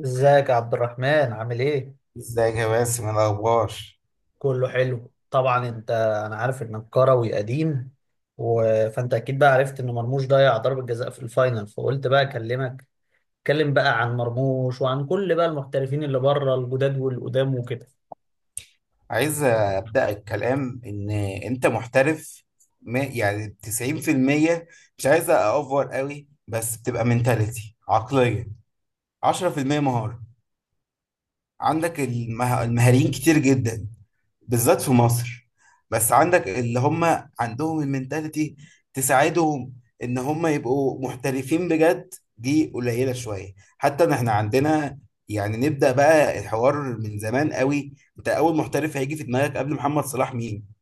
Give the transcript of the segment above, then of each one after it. ازيك يا عبد الرحمن؟ عامل ايه؟ ازيك يا باسم، إيه الاخبار؟ كله حلو طبعا. انا عارف انك كروي قديم و... فانت اكيد بقى عرفت ان مرموش ضيع ضربة جزاء في الفاينل فقلت بقى اكلمك. اتكلم بقى عن مرموش وعن كل بقى المحترفين اللي بره الجداد والقدام وكده. عايز ابدا الكلام، ان انت محترف يعني 90%، مش عايز اوفر قوي، بس بتبقى منتاليتي، عقليه. 10% مهاره. عندك المهاريين كتير جدا، بالذات في مصر. بس عندك اللي هم عندهم المنتاليتي تساعدهم ان هم يبقوا محترفين بجد، دي قليلة شوية، حتى ان احنا عندنا. يعني نبدأ بقى الحوار من زمان قوي، انت اول محترف هيجي في دماغك قبل محمد صلاح مين؟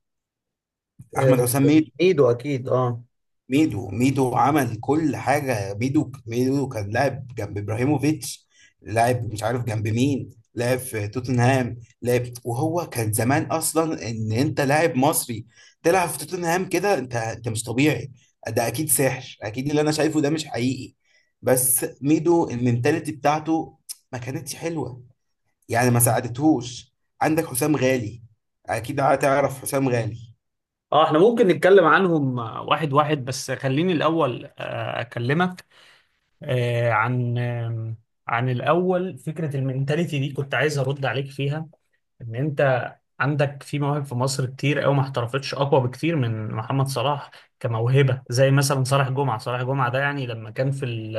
آه، احمد حسام ميدو. ايده اكيد اه. ميدو ميدو عمل كل حاجة، ميدو ميدو كان لاعب جنب ابراهيموفيتش، لاعب مش عارف جنب مين، لاعب في توتنهام. لاعب، وهو كان زمان اصلا ان انت لاعب مصري تلعب في توتنهام كده، انت مش طبيعي. ده اكيد سحر، اكيد اللي انا شايفه ده مش حقيقي. بس ميدو المنتاليتي بتاعته ما كانتش حلوة، يعني ما ساعدتهوش. عندك حسام غالي، اكيد هتعرف حسام غالي. اه، احنا ممكن نتكلم عنهم واحد واحد، بس خليني الاول اكلمك آه، عن آم، عن الاول فكرة المينتاليتي دي كنت عايز ارد عليك فيها. ان انت عندك في مواهب في مصر كتير قوي ما احترفتش اقوى بكتير من محمد صلاح كموهبة، زي مثلا صالح جمعة. صالح جمعة ده يعني لما كان في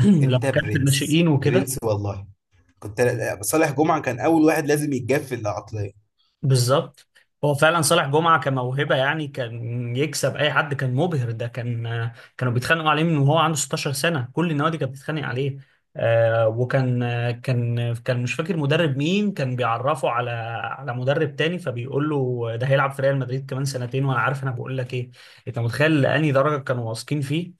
لما انت كان في برنس، الناشئين وكده. برنس والله. كنت صالح جمعة كان أول واحد لازم يتجاب في العقلية. بالظبط، هو فعلا صالح جمعة كموهبة يعني كان يكسب أي حد، كان مبهر. ده كانوا بيتخانقوا عليه من وهو عنده 16 سنة، كل النوادي كانت بتتخانق عليه. آه وكان آه، كان كان مش فاكر مدرب مين كان بيعرفه على مدرب تاني، فبيقول له ده هيلعب في ريال مدريد كمان سنتين، وأنا عارف أنا بقول لك إيه. أنت متخيل لأني درجة كانوا واثقين فيه.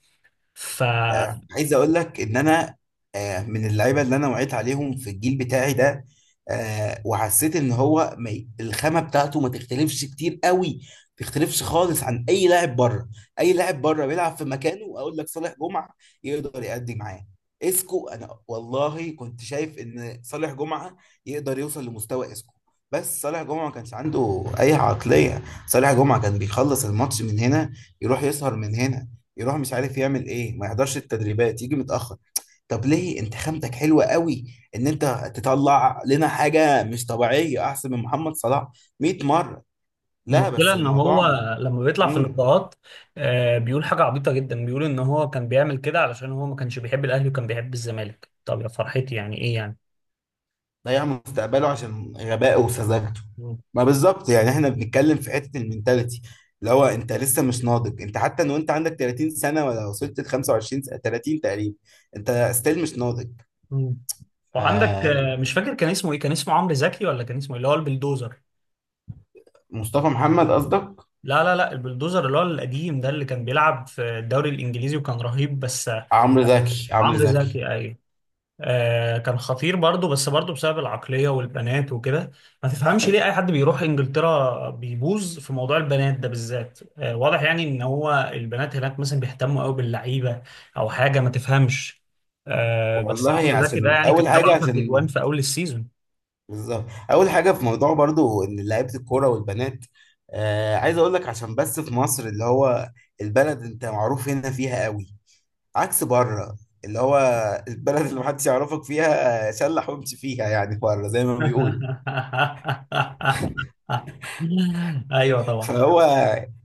ف عايز اقول لك ان انا، من اللعيبه اللي انا وعيت عليهم في الجيل بتاعي ده، وحسيت ان هو ما ي- الخامه بتاعته ما تختلفش كتير قوي، ما تختلفش خالص عن اي لاعب بره. اي لاعب بره بيلعب في مكانه اقول لك صالح جمعه يقدر يأدي معاه. اسكو، انا والله كنت شايف ان صالح جمعه يقدر يوصل لمستوى اسكو. بس صالح جمعه ما كانش عنده اي عقليه، صالح جمعه كان بيخلص الماتش من هنا يروح يسهر، من هنا يروح مش عارف يعمل ايه، ما يحضرش التدريبات، يجي متأخر. طب ليه؟ انت خامتك حلوة قوي، ان انت تطلع لنا حاجة مش طبيعية احسن من محمد صلاح 100 مرة. لا، المشكلة بس إن هو الموضوع. لما بيطلع في امم. اللقاءات بيقول حاجة عبيطة جدا، بيقول إن هو كان بيعمل كده علشان هو ما كانش بيحب الأهلي وكان بيحب الزمالك. طب يا فرحتي، يعني إيه يعني. ضيع مستقبله عشان غبائه وسذاجته. مم. ما بالظبط، يعني احنا بنتكلم في حتة المينتاليتي، اللي هو انت لسه مش ناضج، انت حتى لو انت عندك 30 سنة، ولا وصلت ل 25 سنة، 30 تقريبا، انت ستيل مش ناضج. مم. وعندك آه، مش فاكر كان اسمه إيه، كان اسمه عمرو زكي ولا كان اسمه إيه؟ اللي هو البلدوزر. مصطفى محمد قصدك؟ لا لا لا، البلدوزر اللي هو القديم ده، اللي كان بيلعب في الدوري الإنجليزي وكان رهيب. بس عمرو زكي، عمرو عمرو زكي. زكي، أيوه. كان خطير برضه، بس برضه بسبب العقلية والبنات وكده. ما تفهمش ليه أي حد بيروح إنجلترا بيبوظ في موضوع البنات ده بالذات. واضح يعني إن هو البنات هناك مثلا بيهتموا قوي باللعيبة، أو حاجة ما تفهمش. بس والله عمرو زكي ده عشان يعني كان اول جاب حاجه، 10 عشان تجوان في أول السيزون. بالظبط، اول حاجه في موضوع برضو ان لعيبه الكوره والبنات. آه عايز اقول لك، عشان بس في مصر اللي هو البلد انت معروف هنا فيها قوي، عكس بره اللي هو البلد اللي محدش يعرفك فيها، شلح وامشي فيها يعني بره زي ما بيقولوا. أيوه طبعا. فهو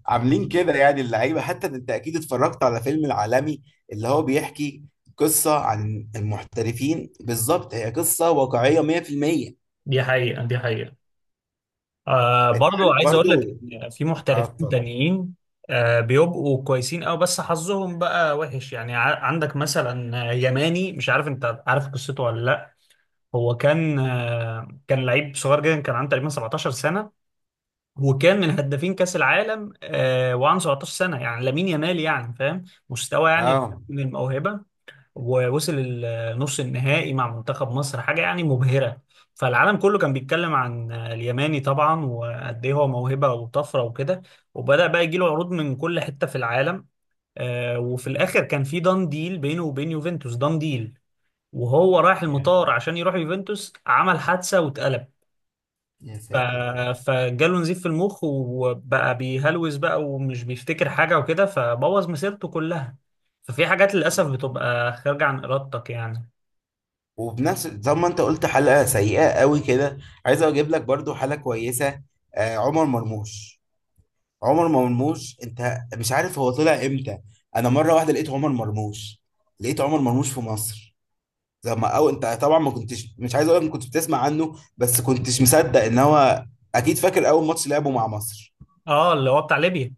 عاملين كده يعني اللعيبه، حتى انت اكيد اتفرجت على فيلم العالمي، اللي هو بيحكي قصه عن المحترفين، بالظبط هي قصه واقعيه 100%. دي حقيقة دي حقيقة. انت برضو عارف عايز اقول لك برضو، ان في اه محترفين اتفضل. تانيين بيبقوا كويسين قوي، بس حظهم بقى وحش يعني. عندك مثلا يماني، مش عارف انت عارف قصته ولا لا. هو كان لعيب صغير جدا، كان عنده تقريبا 17 سنة، وكان من هدافين كأس العالم. وعنده 17 سنة، يعني لامين يامال يعني، فاهم مستوى يعني اه، من الموهبة. ووصل النص النهائي مع منتخب مصر، حاجة يعني مبهرة. فالعالم كله كان بيتكلم عن اليماني طبعا، وقد ايه هو موهبة وطفرة وكده، وبدأ بقى يجيله عروض من كل حتة في العالم. وفي الآخر كان في دان ديل بينه وبين يوفنتوس، دان ديل وهو رايح المطار عشان يروح يوفنتوس عمل حادثة واتقلب. يا ف- ساتر. فجاله نزيف في المخ وبقى بيهلوس بقى، ومش بيفتكر حاجة وكده، فبوظ مسيرته كلها. ففي حاجات للأسف بتبقى خارجة عن إرادتك يعني. وبنفس زي ما انت قلت حلقة سيئة قوي كده، عايز اجيب لك برضو حلقة كويسة، آه عمر مرموش. عمر مرموش، انت مش عارف هو طلع امتى. انا مرة واحدة لقيت عمر مرموش، لقيت عمر مرموش في مصر، زي ما انت طبعا ما كنتش مش عايز اقول لك ما كنتش بتسمع عنه، بس كنتش مصدق ان هو. اكيد فاكر اول ماتش لعبه مع مصر. اه، اللي هو بتاع ليبيا.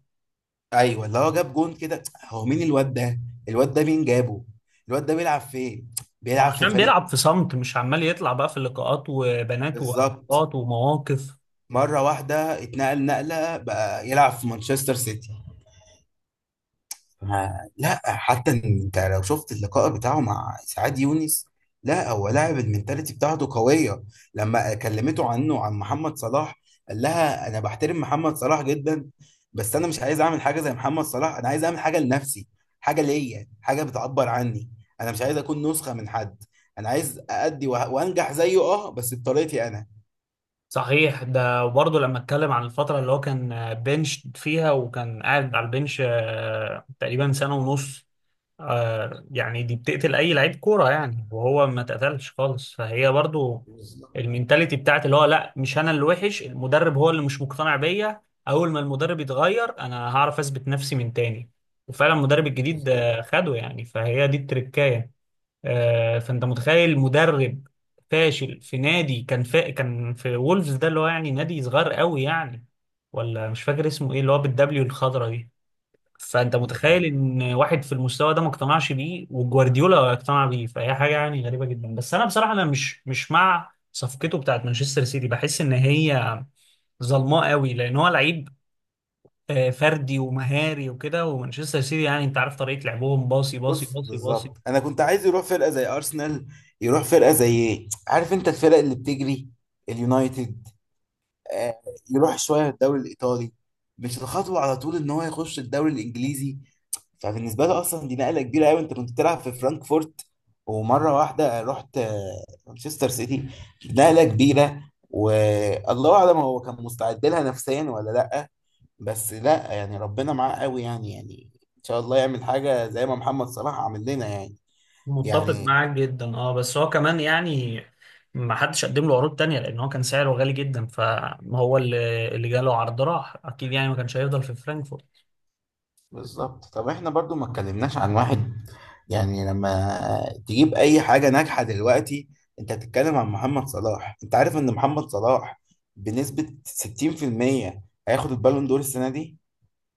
ايوه، اللي هو جاب جون كده. هو مين الواد ده؟ الواد ده مين جابه؟ الواد ده بيلعب فين؟ ما هو بيلعب في عشان فريق. بيلعب في صمت، مش عمال يطلع بقى في اللقاءات وبنات بالظبط. وحوارات ومواقف. مره واحده اتنقل نقله بقى يلعب في مانشستر سيتي. لا، حتى إن انت لو شفت اللقاء بتاعه مع سعاد يونس، لا هو لاعب المنتاليتي بتاعته قوية. لما كلمته عنه، عن محمد صلاح، قال لها انا بحترم محمد صلاح جدا، بس انا مش عايز اعمل حاجة زي محمد صلاح، انا عايز اعمل حاجة لنفسي، حاجة ليا، حاجة بتعبر عني، انا مش عايز اكون نسخة من حد، انا عايز اأدي وانجح زيه، اه بس بطريقتي انا. صحيح، ده برضه لما اتكلم عن الفترة اللي هو كان بنش فيها وكان قاعد على البنش تقريبا سنة ونص. يعني دي بتقتل اي لعيب كوره يعني، وهو ما اتقتلش خالص، فهي برضو بالظبط، المينتاليتي بتاعت اللي هو لا مش انا اللي وحش المدرب، هو اللي مش مقتنع بيا. اول ما المدرب يتغير انا هعرف اثبت نفسي من تاني. وفعلا المدرب الجديد بالظبط. خده يعني، فهي دي التركايه. فانت متخيل مدرب فاشل في نادي، كان في وولفز ده، اللي هو يعني نادي صغير قوي يعني. ولا مش فاكر اسمه ايه، اللي هو بالدبليو الخضرا دي. فانت مش متخيل عارف. ان واحد في المستوى ده ما اقتنعش بيه، وجوارديولا اقتنع بيه، فهي حاجه يعني غريبه جدا. بس انا بصراحه انا مش مع صفقته بتاعت مانشستر سيتي، بحس ان هي ظلماء قوي، لان هو لعيب فردي ومهاري وكده، ومانشستر سيتي يعني انت عارف طريقه لعبهم، باصي باصي بص باصي باصي. بالظبط، انا كنت عايز يروح فرقه زي ارسنال، يروح فرقه زي ايه، عارف انت الفرق اللي بتجري، اليونايتد. آه يروح شويه الدوري الايطالي، مش الخطوه على طول ان هو يخش الدوري الانجليزي. فبالنسبه له اصلا دي نقله كبيره قوي، انت كنت بتلعب في فرانكفورت، ومره واحده رحت مانشستر سيتي، نقله كبيره. والله اعلم هو كان مستعد لها نفسيا ولا لا، بس لا يعني ربنا معاه قوي، يعني ان شاء الله يعمل حاجه زي ما محمد صلاح عمل لنا يعني. متفق يعني معاك جدا. اه بس هو كمان يعني ما حدش قدم له عروض تانية، لان هو كان سعره غالي جدا، فهو اللي جاله عرض راح اكيد يعني، ما كانش هيفضل في فرانكفورت. بالظبط. طب احنا برضو ما اتكلمناش عن واحد، يعني لما تجيب اي حاجة ناجحة دلوقتي انت هتتكلم عن محمد صلاح، انت عارف ان محمد صلاح بنسبة 60% هياخد البالون دور السنة دي.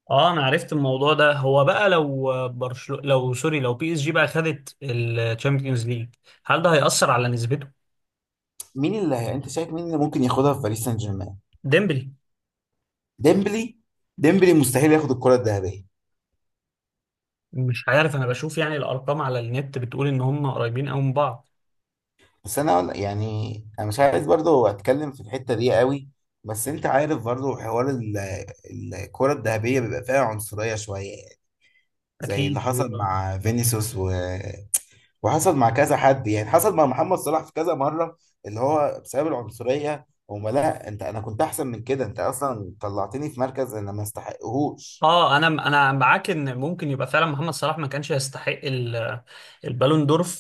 اه، انا عرفت الموضوع ده. هو بقى لو برشلونة لو سوري لو بي اس جي بقى خدت الشامبيونز ليج، هل ده هيأثر على نسبته؟ مين انت شايف مين اللي ممكن ياخدها في باريس سان جيرمان؟ ديمبلي، ديمبلي. ديمبلي مستحيل ياخد الكرة الذهبية. مش عارف. انا بشوف يعني الارقام على النت بتقول ان هم قريبين قوي من بعض. بس انا يعني انا مش عايز برضو اتكلم في الحتة دي قوي، بس انت عارف برضو حوار الكرة الذهبية بيبقى فيها عنصرية شوية، زي اللي اكيد. حصل مع فينيسيوس وحصل مع كذا حد، يعني حصل مع محمد صلاح في كذا مرة، اللي هو بسبب العنصرية هما، لا انت انا كنت احسن من كده، انت اصلا طلعتني في مركز انا ما استحقهوش. اه، انا معاك ان ممكن يبقى فعلا محمد صلاح ما كانش يستحق البالون دور في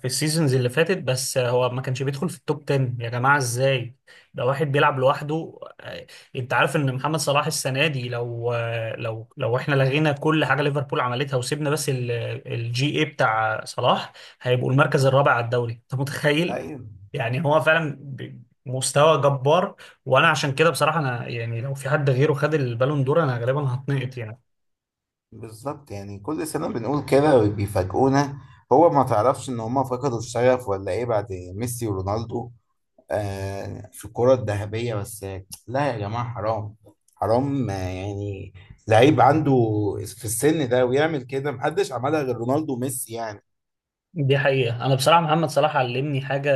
السيزونز اللي فاتت، بس هو ما كانش بيدخل في التوب 10 يا جماعه، ازاي؟ ده واحد بيلعب لوحده. انت عارف ان محمد صلاح السنه دي لو لو احنا لغينا كل حاجه ليفربول عملتها وسيبنا بس الجي اي بتاع صلاح، هيبقوا المركز الرابع على الدوري، انت متخيل؟ ايوه. يعني هو فعلا مستوى جبار، وانا عشان كده بصراحه انا يعني لو في حد غيره خد البالون دور انا غالبا هتنقط يعني. بالظبط، يعني كل سنة بنقول كده وبيفاجئونا، هو ما تعرفش ان هما فقدوا الشغف ولا ايه بعد ميسي ورونالدو، في الكرة الذهبية بس. لا يا جماعة حرام، حرام، يعني لعيب عنده في السن ده ويعمل كده، محدش عملها غير رونالدو وميسي يعني. دي حقيقة، أنا بصراحة محمد صلاح علمني حاجة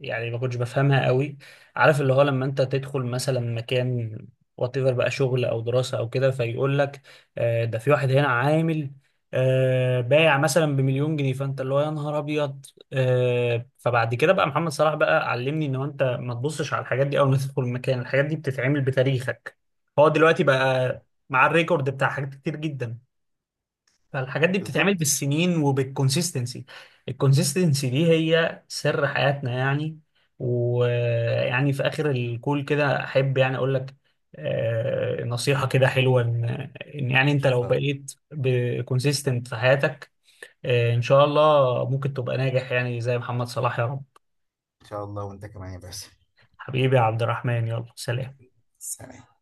يعني ما كنتش بفهمها قوي. عارف اللي هو لما أنت تدخل مثلا مكان، واتيفر بقى شغل أو دراسة أو كده، فيقول لك ده في واحد هنا عامل بايع مثلا بمليون جنيه، فأنت اللي هو يا نهار أبيض. فبعد كده بقى محمد صلاح بقى علمني إن هو أنت ما تبصش على الحاجات دي، أول ما تدخل المكان الحاجات دي بتتعمل بتاريخك. هو دلوقتي بقى مع الريكورد بتاع حاجات كتير جدا، فالحاجات دي بتتعمل بالظبط. بالسنين وبالكونسيستنسي. الكونسيستنسي دي هي سر حياتنا يعني. ويعني في اخر الكول كده احب يعني اقول لك نصيحة كده حلوة، ان إن يعني انت لو فإن بقيت بكونسيستنت في حياتك ان شاء الله ممكن تبقى ناجح يعني زي محمد صلاح، يا رب. شاء الله، وأنت كمان يا باسم. حبيبي يا عبد الرحمن، يلا سلام. سلام.